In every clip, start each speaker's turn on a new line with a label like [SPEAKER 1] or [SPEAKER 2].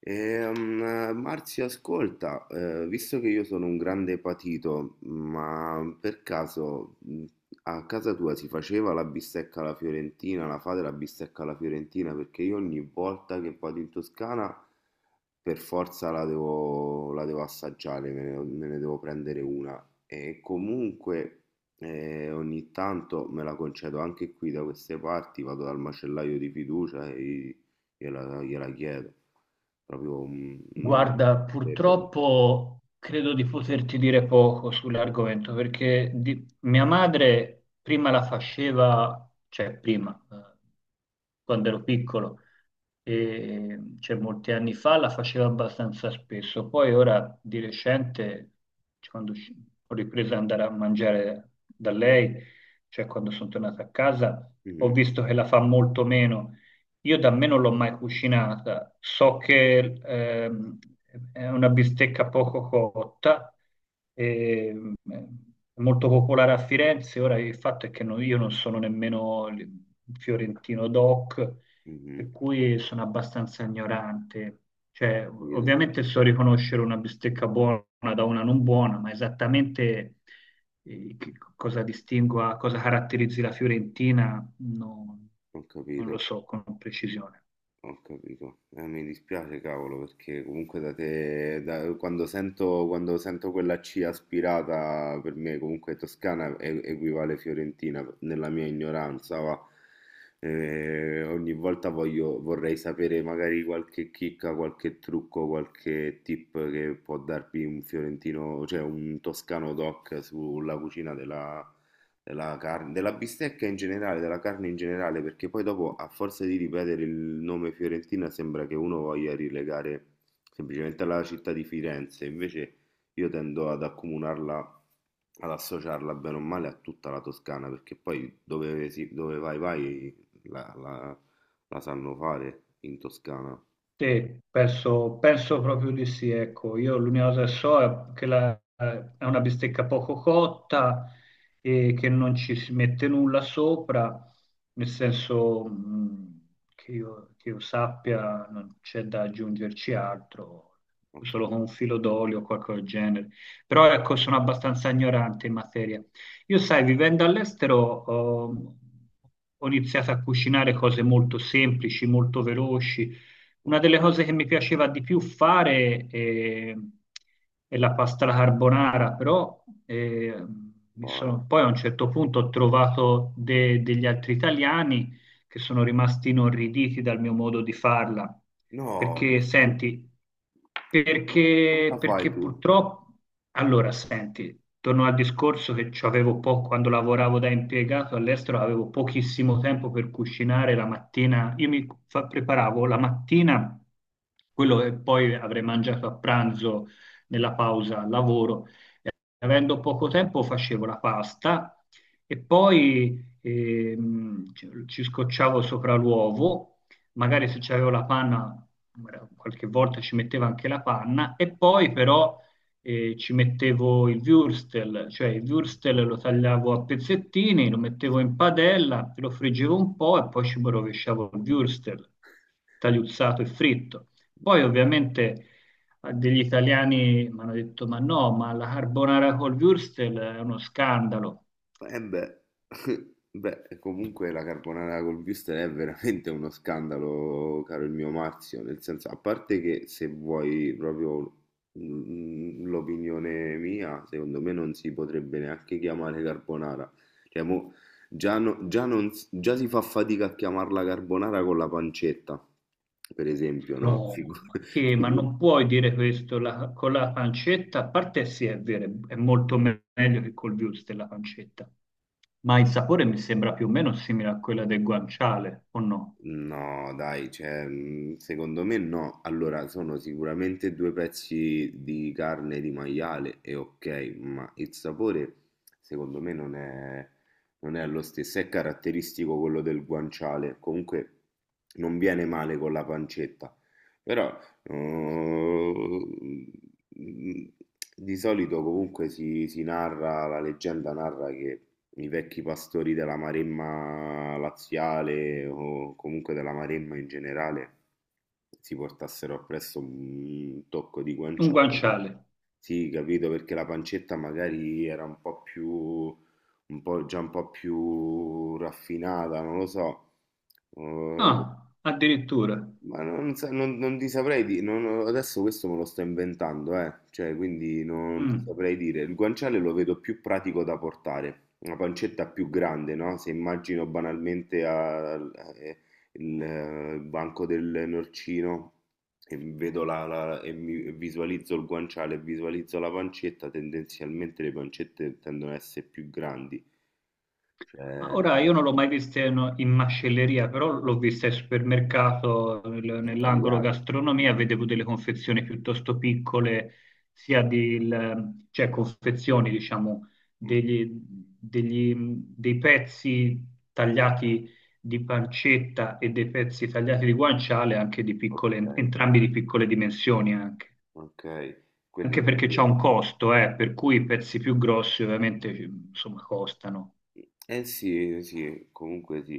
[SPEAKER 1] Marzio, ascolta, visto che io sono un grande patito, ma per caso a casa tua si faceva la bistecca alla fiorentina, la fate la bistecca alla fiorentina? Perché io ogni volta che vado in Toscana per forza la devo assaggiare, me ne devo prendere una. E comunque ogni tanto me la concedo anche qui da queste parti, vado dal macellaio di fiducia e gliela chiedo. Proprio un
[SPEAKER 2] Guarda,
[SPEAKER 1] debole.
[SPEAKER 2] purtroppo credo di poterti dire poco sull'argomento perché di- mia madre prima la faceva, cioè prima, quando ero piccolo, e, cioè molti anni fa la faceva abbastanza spesso, poi ora di recente, cioè, quando usci- ho ripreso ad andare a mangiare da lei, cioè quando sono tornato a casa, ho
[SPEAKER 1] Mhm,
[SPEAKER 2] visto che la fa molto meno. Io da me non l'ho mai cucinata, so che ehm, è una bistecca poco cotta, è molto popolare a Firenze, ora il fatto è che non- io non sono nemmeno il fiorentino doc,
[SPEAKER 1] mhm,
[SPEAKER 2] per cui sono abbastanza ignorante. Cioè, ov-
[SPEAKER 1] capito.
[SPEAKER 2] ovviamente so riconoscere una bistecca buona da una non buona, ma esattamente che cosa distingua, cosa caratterizzi la Fiorentina, non
[SPEAKER 1] Ho
[SPEAKER 2] non lo
[SPEAKER 1] capito,
[SPEAKER 2] so con precisione.
[SPEAKER 1] ho capito. Mi dispiace, cavolo, perché comunque da te, quando sento quella C aspirata, per me comunque toscana equivale fiorentina, nella mia ignoranza, va. Ogni volta vorrei sapere magari qualche chicca, qualche trucco, qualche tip che può darvi un fiorentino, cioè un toscano doc sulla cucina della della carne, della bistecca in generale, della carne in generale, perché poi dopo a forza di ripetere il nome Fiorentina sembra che uno voglia rilegare semplicemente alla città di Firenze, invece io tendo ad accomunarla, ad associarla bene o male a tutta la Toscana, perché poi dove vai vai la sanno fare in Toscana.
[SPEAKER 2] Sì, penso, penso proprio di sì, ecco, io l'unica cosa che so è che la- è una bistecca poco cotta e che non ci si mette nulla sopra, nel senso che io sappia non c'è da aggiungerci altro,
[SPEAKER 1] Ho
[SPEAKER 2] solo con un
[SPEAKER 1] capito.
[SPEAKER 2] filo d'olio o qualcosa del genere, però ecco sono abbastanza ignorante in materia. Io sai, vivendo all'estero ho ho iniziato a cucinare cose molto semplici, molto veloci, una
[SPEAKER 1] Ok,
[SPEAKER 2] delle cose che mi piaceva di più fare è, la pasta alla carbonara, però mi sono-
[SPEAKER 1] buona.
[SPEAKER 2] poi a un certo punto ho trovato de- degli altri italiani che sono rimasti inorriditi dal mio modo di farla.
[SPEAKER 1] No,
[SPEAKER 2] Perché,
[SPEAKER 1] perché?
[SPEAKER 2] senti,
[SPEAKER 1] Come
[SPEAKER 2] perché,
[SPEAKER 1] la fai
[SPEAKER 2] perché
[SPEAKER 1] tu?
[SPEAKER 2] purtroppo, allora, senti, torno al discorso che ci avevo po- quando lavoravo da impiegato all'estero, avevo pochissimo tempo per cucinare la mattina. Io mi fa- preparavo la mattina quello che poi avrei mangiato a pranzo nella pausa al lavoro, avendo poco tempo facevo la pasta e poi ci scocciavo sopra l'uovo, magari se c'avevo la panna, magari qualche volta ci mettevo anche la panna, e poi però ci mettevo il würstel, cioè il
[SPEAKER 1] No.
[SPEAKER 2] würstel lo tagliavo a pezzettini, lo mettevo in padella, lo friggevo un po' e poi ci rovesciavo il würstel tagliuzzato e fritto. Poi ovviamente degli italiani mi hanno detto: Ma no, ma la carbonara col Würstel è uno scandalo.
[SPEAKER 1] Eh beh, beh, comunque la carbonara col wurstel è veramente uno scandalo, caro il mio Marzio, nel senso, a parte che se vuoi proprio l'opinione mia, secondo me non si potrebbe neanche chiamare carbonara. Cioè, mo, già, già non già si fa fatica a chiamarla carbonara con la pancetta, per esempio, no? Figu-
[SPEAKER 2] No, ma che? Ma non puoi dire questo la- con la pancetta. A parte sì, è vero, è molto me- meglio che col Würstel la pancetta. Ma il sapore mi sembra più o meno simile a quella del guanciale, o no?
[SPEAKER 1] No, dai, cioè, secondo me no. Allora, sono sicuramente due pezzi di carne di maiale e ok, ma il sapore secondo me non è lo stesso. È caratteristico quello del guanciale. Comunque non viene male con la pancetta. Però, eh, Mm, di solito comunque si, si narra, la leggenda narra che i vecchi pastori della Maremma laziale o comunque della Maremma in generale si portassero appresso un tocco di
[SPEAKER 2] Un
[SPEAKER 1] guanciale. Che-
[SPEAKER 2] guanciale.
[SPEAKER 1] Sì, capito, perché la pancetta magari era un po' già un po' più raffinata, non lo so. Eh,
[SPEAKER 2] Ah, addirittura.
[SPEAKER 1] ma non, sa- non- non ti saprei dire, adesso questo me lo sto inventando, eh. Cioè, quindi non ti
[SPEAKER 2] Mm.
[SPEAKER 1] saprei dire. Il guanciale lo vedo più pratico da portare, una pancetta più grande, no? Se immagino banalmente il banco del norcino e vedo e visualizzo il guanciale e visualizzo la pancetta, tendenzialmente le pancette tendono ad essere più grandi,
[SPEAKER 2] Ma
[SPEAKER 1] cioè
[SPEAKER 2] ora io non l'ho mai vista in, in macelleria, però l'ho vista al supermercato, nel- nell'angolo
[SPEAKER 1] tagliate.
[SPEAKER 2] gastronomia, vedevo delle confezioni piuttosto piccole, sia di, il- cioè confezioni, diciamo,
[SPEAKER 1] Mm,
[SPEAKER 2] degli- degli- dei pezzi tagliati di pancetta e dei pezzi tagliati di guanciale, anche di piccole,
[SPEAKER 1] ok,
[SPEAKER 2] entrambi di piccole dimensioni anche.
[SPEAKER 1] ok, quelli...
[SPEAKER 2] Anche perché c'è un costo, per cui i pezzi più grossi ovviamente, insomma, costano.
[SPEAKER 1] Eh sì, sì, comunque sì.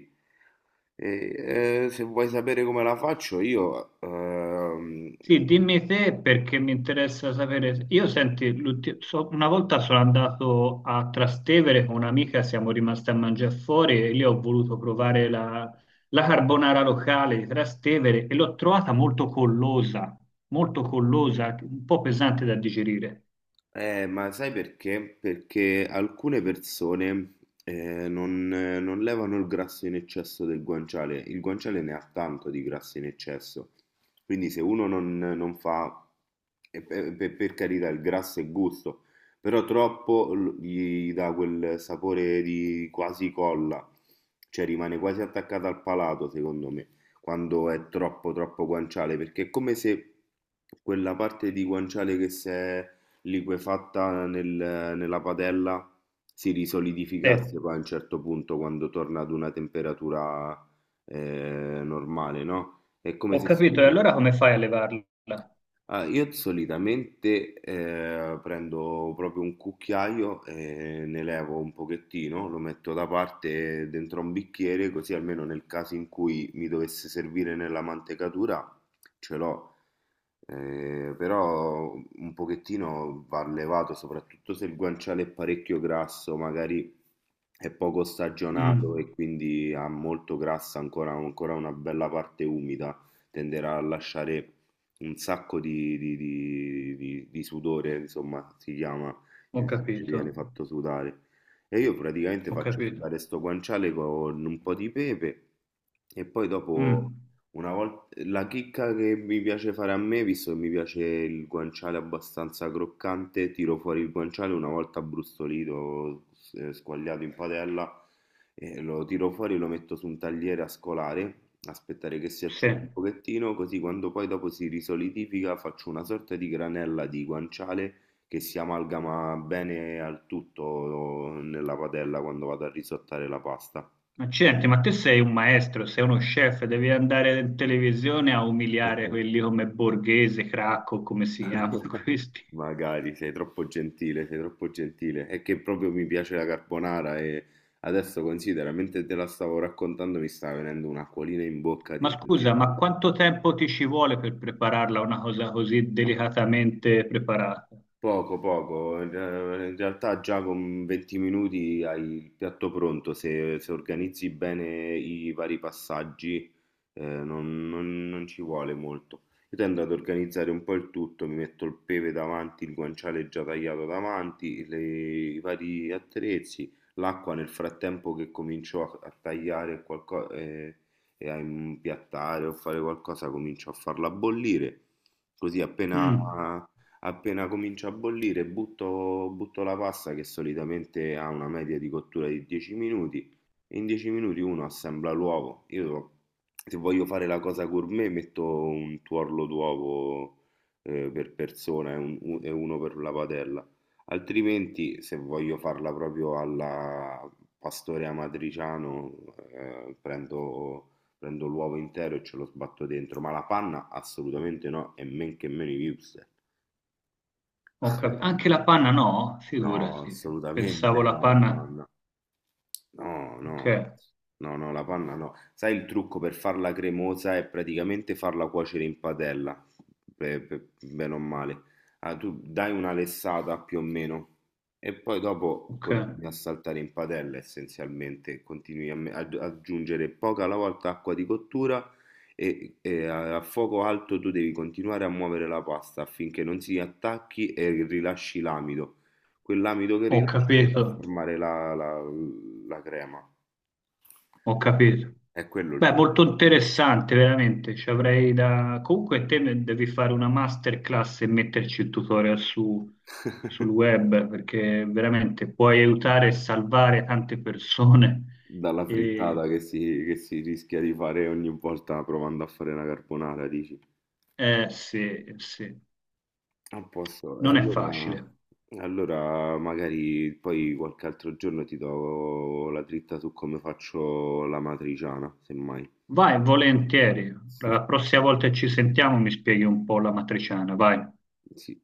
[SPEAKER 1] E, se vuoi sapere come la faccio, io
[SPEAKER 2] Sì, dimmi te perché mi interessa sapere. Io senti, l'ulti- so- una volta sono andato a Trastevere con un'amica, siamo rimasti a mangiare fuori e lì ho voluto provare la, la carbonara locale di Trastevere e l'ho trovata molto collosa, un po' pesante da digerire.
[SPEAKER 1] eh, ma sai perché? Perché alcune persone non levano il grasso in eccesso del guanciale. Il guanciale ne ha tanto di grasso in eccesso. Quindi se uno non fa, e per carità, il grasso è gusto, però gli dà quel sapore di quasi colla, cioè rimane quasi attaccato al palato, secondo me, quando è troppo guanciale, perché è come se quella parte di guanciale che si è liquefatta nella padella si
[SPEAKER 2] Eh,
[SPEAKER 1] risolidificasse poi a un certo punto quando torna ad una temperatura normale, no? È come
[SPEAKER 2] ho
[SPEAKER 1] se si
[SPEAKER 2] capito, e allora come fai a levarla?
[SPEAKER 1] Ah, io solitamente prendo proprio un cucchiaio e ne levo un pochettino, lo metto da parte dentro un bicchiere, così almeno nel caso in cui mi dovesse servire nella mantecatura ce l'ho. Però un pochettino va levato, soprattutto se il guanciale è parecchio grasso, magari è poco
[SPEAKER 2] Mm,
[SPEAKER 1] stagionato e quindi ha molto grassa ancora una bella parte umida tenderà a lasciare un sacco di sudore, insomma, si chiama,
[SPEAKER 2] ho
[SPEAKER 1] in Sicilia
[SPEAKER 2] capito,
[SPEAKER 1] viene fatto sudare. E io praticamente
[SPEAKER 2] ho
[SPEAKER 1] faccio
[SPEAKER 2] capito.
[SPEAKER 1] sudare sto guanciale con un po' di pepe e poi dopo,
[SPEAKER 2] Mm,
[SPEAKER 1] una volta, la chicca che mi piace fare a me, visto che mi piace il guanciale abbastanza croccante, tiro fuori il guanciale una volta brustolito, squagliato in padella, e lo tiro fuori e lo metto su un tagliere a scolare aspettare che si
[SPEAKER 2] sì.
[SPEAKER 1] asciughi un pochettino, così quando poi dopo si risolidifica faccio una sorta di granella di guanciale che si amalgama bene al tutto nella padella quando vado a risottare la pasta.
[SPEAKER 2] Accidenti, ma te sei un maestro, sei uno chef, devi andare in televisione a umiliare quelli come Borghese, Cracco, come si chiamano questi.
[SPEAKER 1] Magari sei troppo gentile, sei troppo gentile. È che proprio mi piace la carbonara e adesso considera, mentre te la stavo raccontando mi sta venendo un'acquolina in bocca di
[SPEAKER 2] Ma scusa, ma
[SPEAKER 1] immaginare.
[SPEAKER 2] quanto tempo ti ci vuole per prepararla una cosa così delicatamente preparata?
[SPEAKER 1] Poco, poco. In realtà già con 20 minuti hai il piatto pronto. Se, se organizzi bene i vari passaggi, non ci vuole molto. Io tendo ad organizzare un po' il tutto, mi metto il pepe davanti, il guanciale già tagliato davanti, le- i vari attrezzi, l'acqua nel frattempo che comincio a tagliare qualcosa e a impiattare o fare qualcosa, comincio a farla bollire. Così appena
[SPEAKER 2] Mm,
[SPEAKER 1] appena comincia a bollire, butto la pasta che solitamente ha una media di cottura di 10 minuti e in 10 minuti uno assembla l'uovo. Io se voglio fare la cosa gourmet metto un tuorlo d'uovo per persona e uno per la padella. Altrimenti, se voglio farla proprio alla pastore amatriciano, eh, prendo, prendo l'uovo intero e ce lo sbatto dentro. Ma la panna assolutamente no, e men che meno i hipster.
[SPEAKER 2] ho cap- Anche la panna no?
[SPEAKER 1] No,
[SPEAKER 2] Figurati,
[SPEAKER 1] assolutamente
[SPEAKER 2] pensavo la
[SPEAKER 1] no, la
[SPEAKER 2] panna.
[SPEAKER 1] panna. No, no,
[SPEAKER 2] Ok,
[SPEAKER 1] ma- no, no, la panna no. Sai il trucco per farla cremosa è praticamente farla cuocere in padella, bene o male. Ah, tu dai una lessata più o meno e poi dopo
[SPEAKER 2] ok,
[SPEAKER 1] continui a saltare in padella essenzialmente, continui a ad aggiungere poca alla volta acqua di cottura e, a fuoco alto tu devi continuare a muovere la pasta affinché non si attacchi e rilasci l'amido. Quell'amido che
[SPEAKER 2] ho
[SPEAKER 1] rilasci andrà
[SPEAKER 2] capito,
[SPEAKER 1] a formare la crema.
[SPEAKER 2] ho capito.
[SPEAKER 1] È quello il
[SPEAKER 2] Beh,
[SPEAKER 1] trucco.
[SPEAKER 2] molto interessante, veramente. Ci avrei da... Comunque te ne devi fare una masterclass e metterci il tutorial su- sul web, perché veramente puoi aiutare e salvare tante persone.
[SPEAKER 1] Dalla
[SPEAKER 2] E...
[SPEAKER 1] frittata che si rischia di fare ogni volta provando a fare una carbonara, dici?
[SPEAKER 2] Eh sì, sì,
[SPEAKER 1] A posto. E
[SPEAKER 2] non è
[SPEAKER 1] allora
[SPEAKER 2] facile.
[SPEAKER 1] magari poi qualche altro giorno ti do la dritta su come faccio l'amatriciana, semmai.
[SPEAKER 2] Vai, volentieri. La prossima volta che ci sentiamo mi spieghi un po' la matriciana, vai.
[SPEAKER 1] Sì.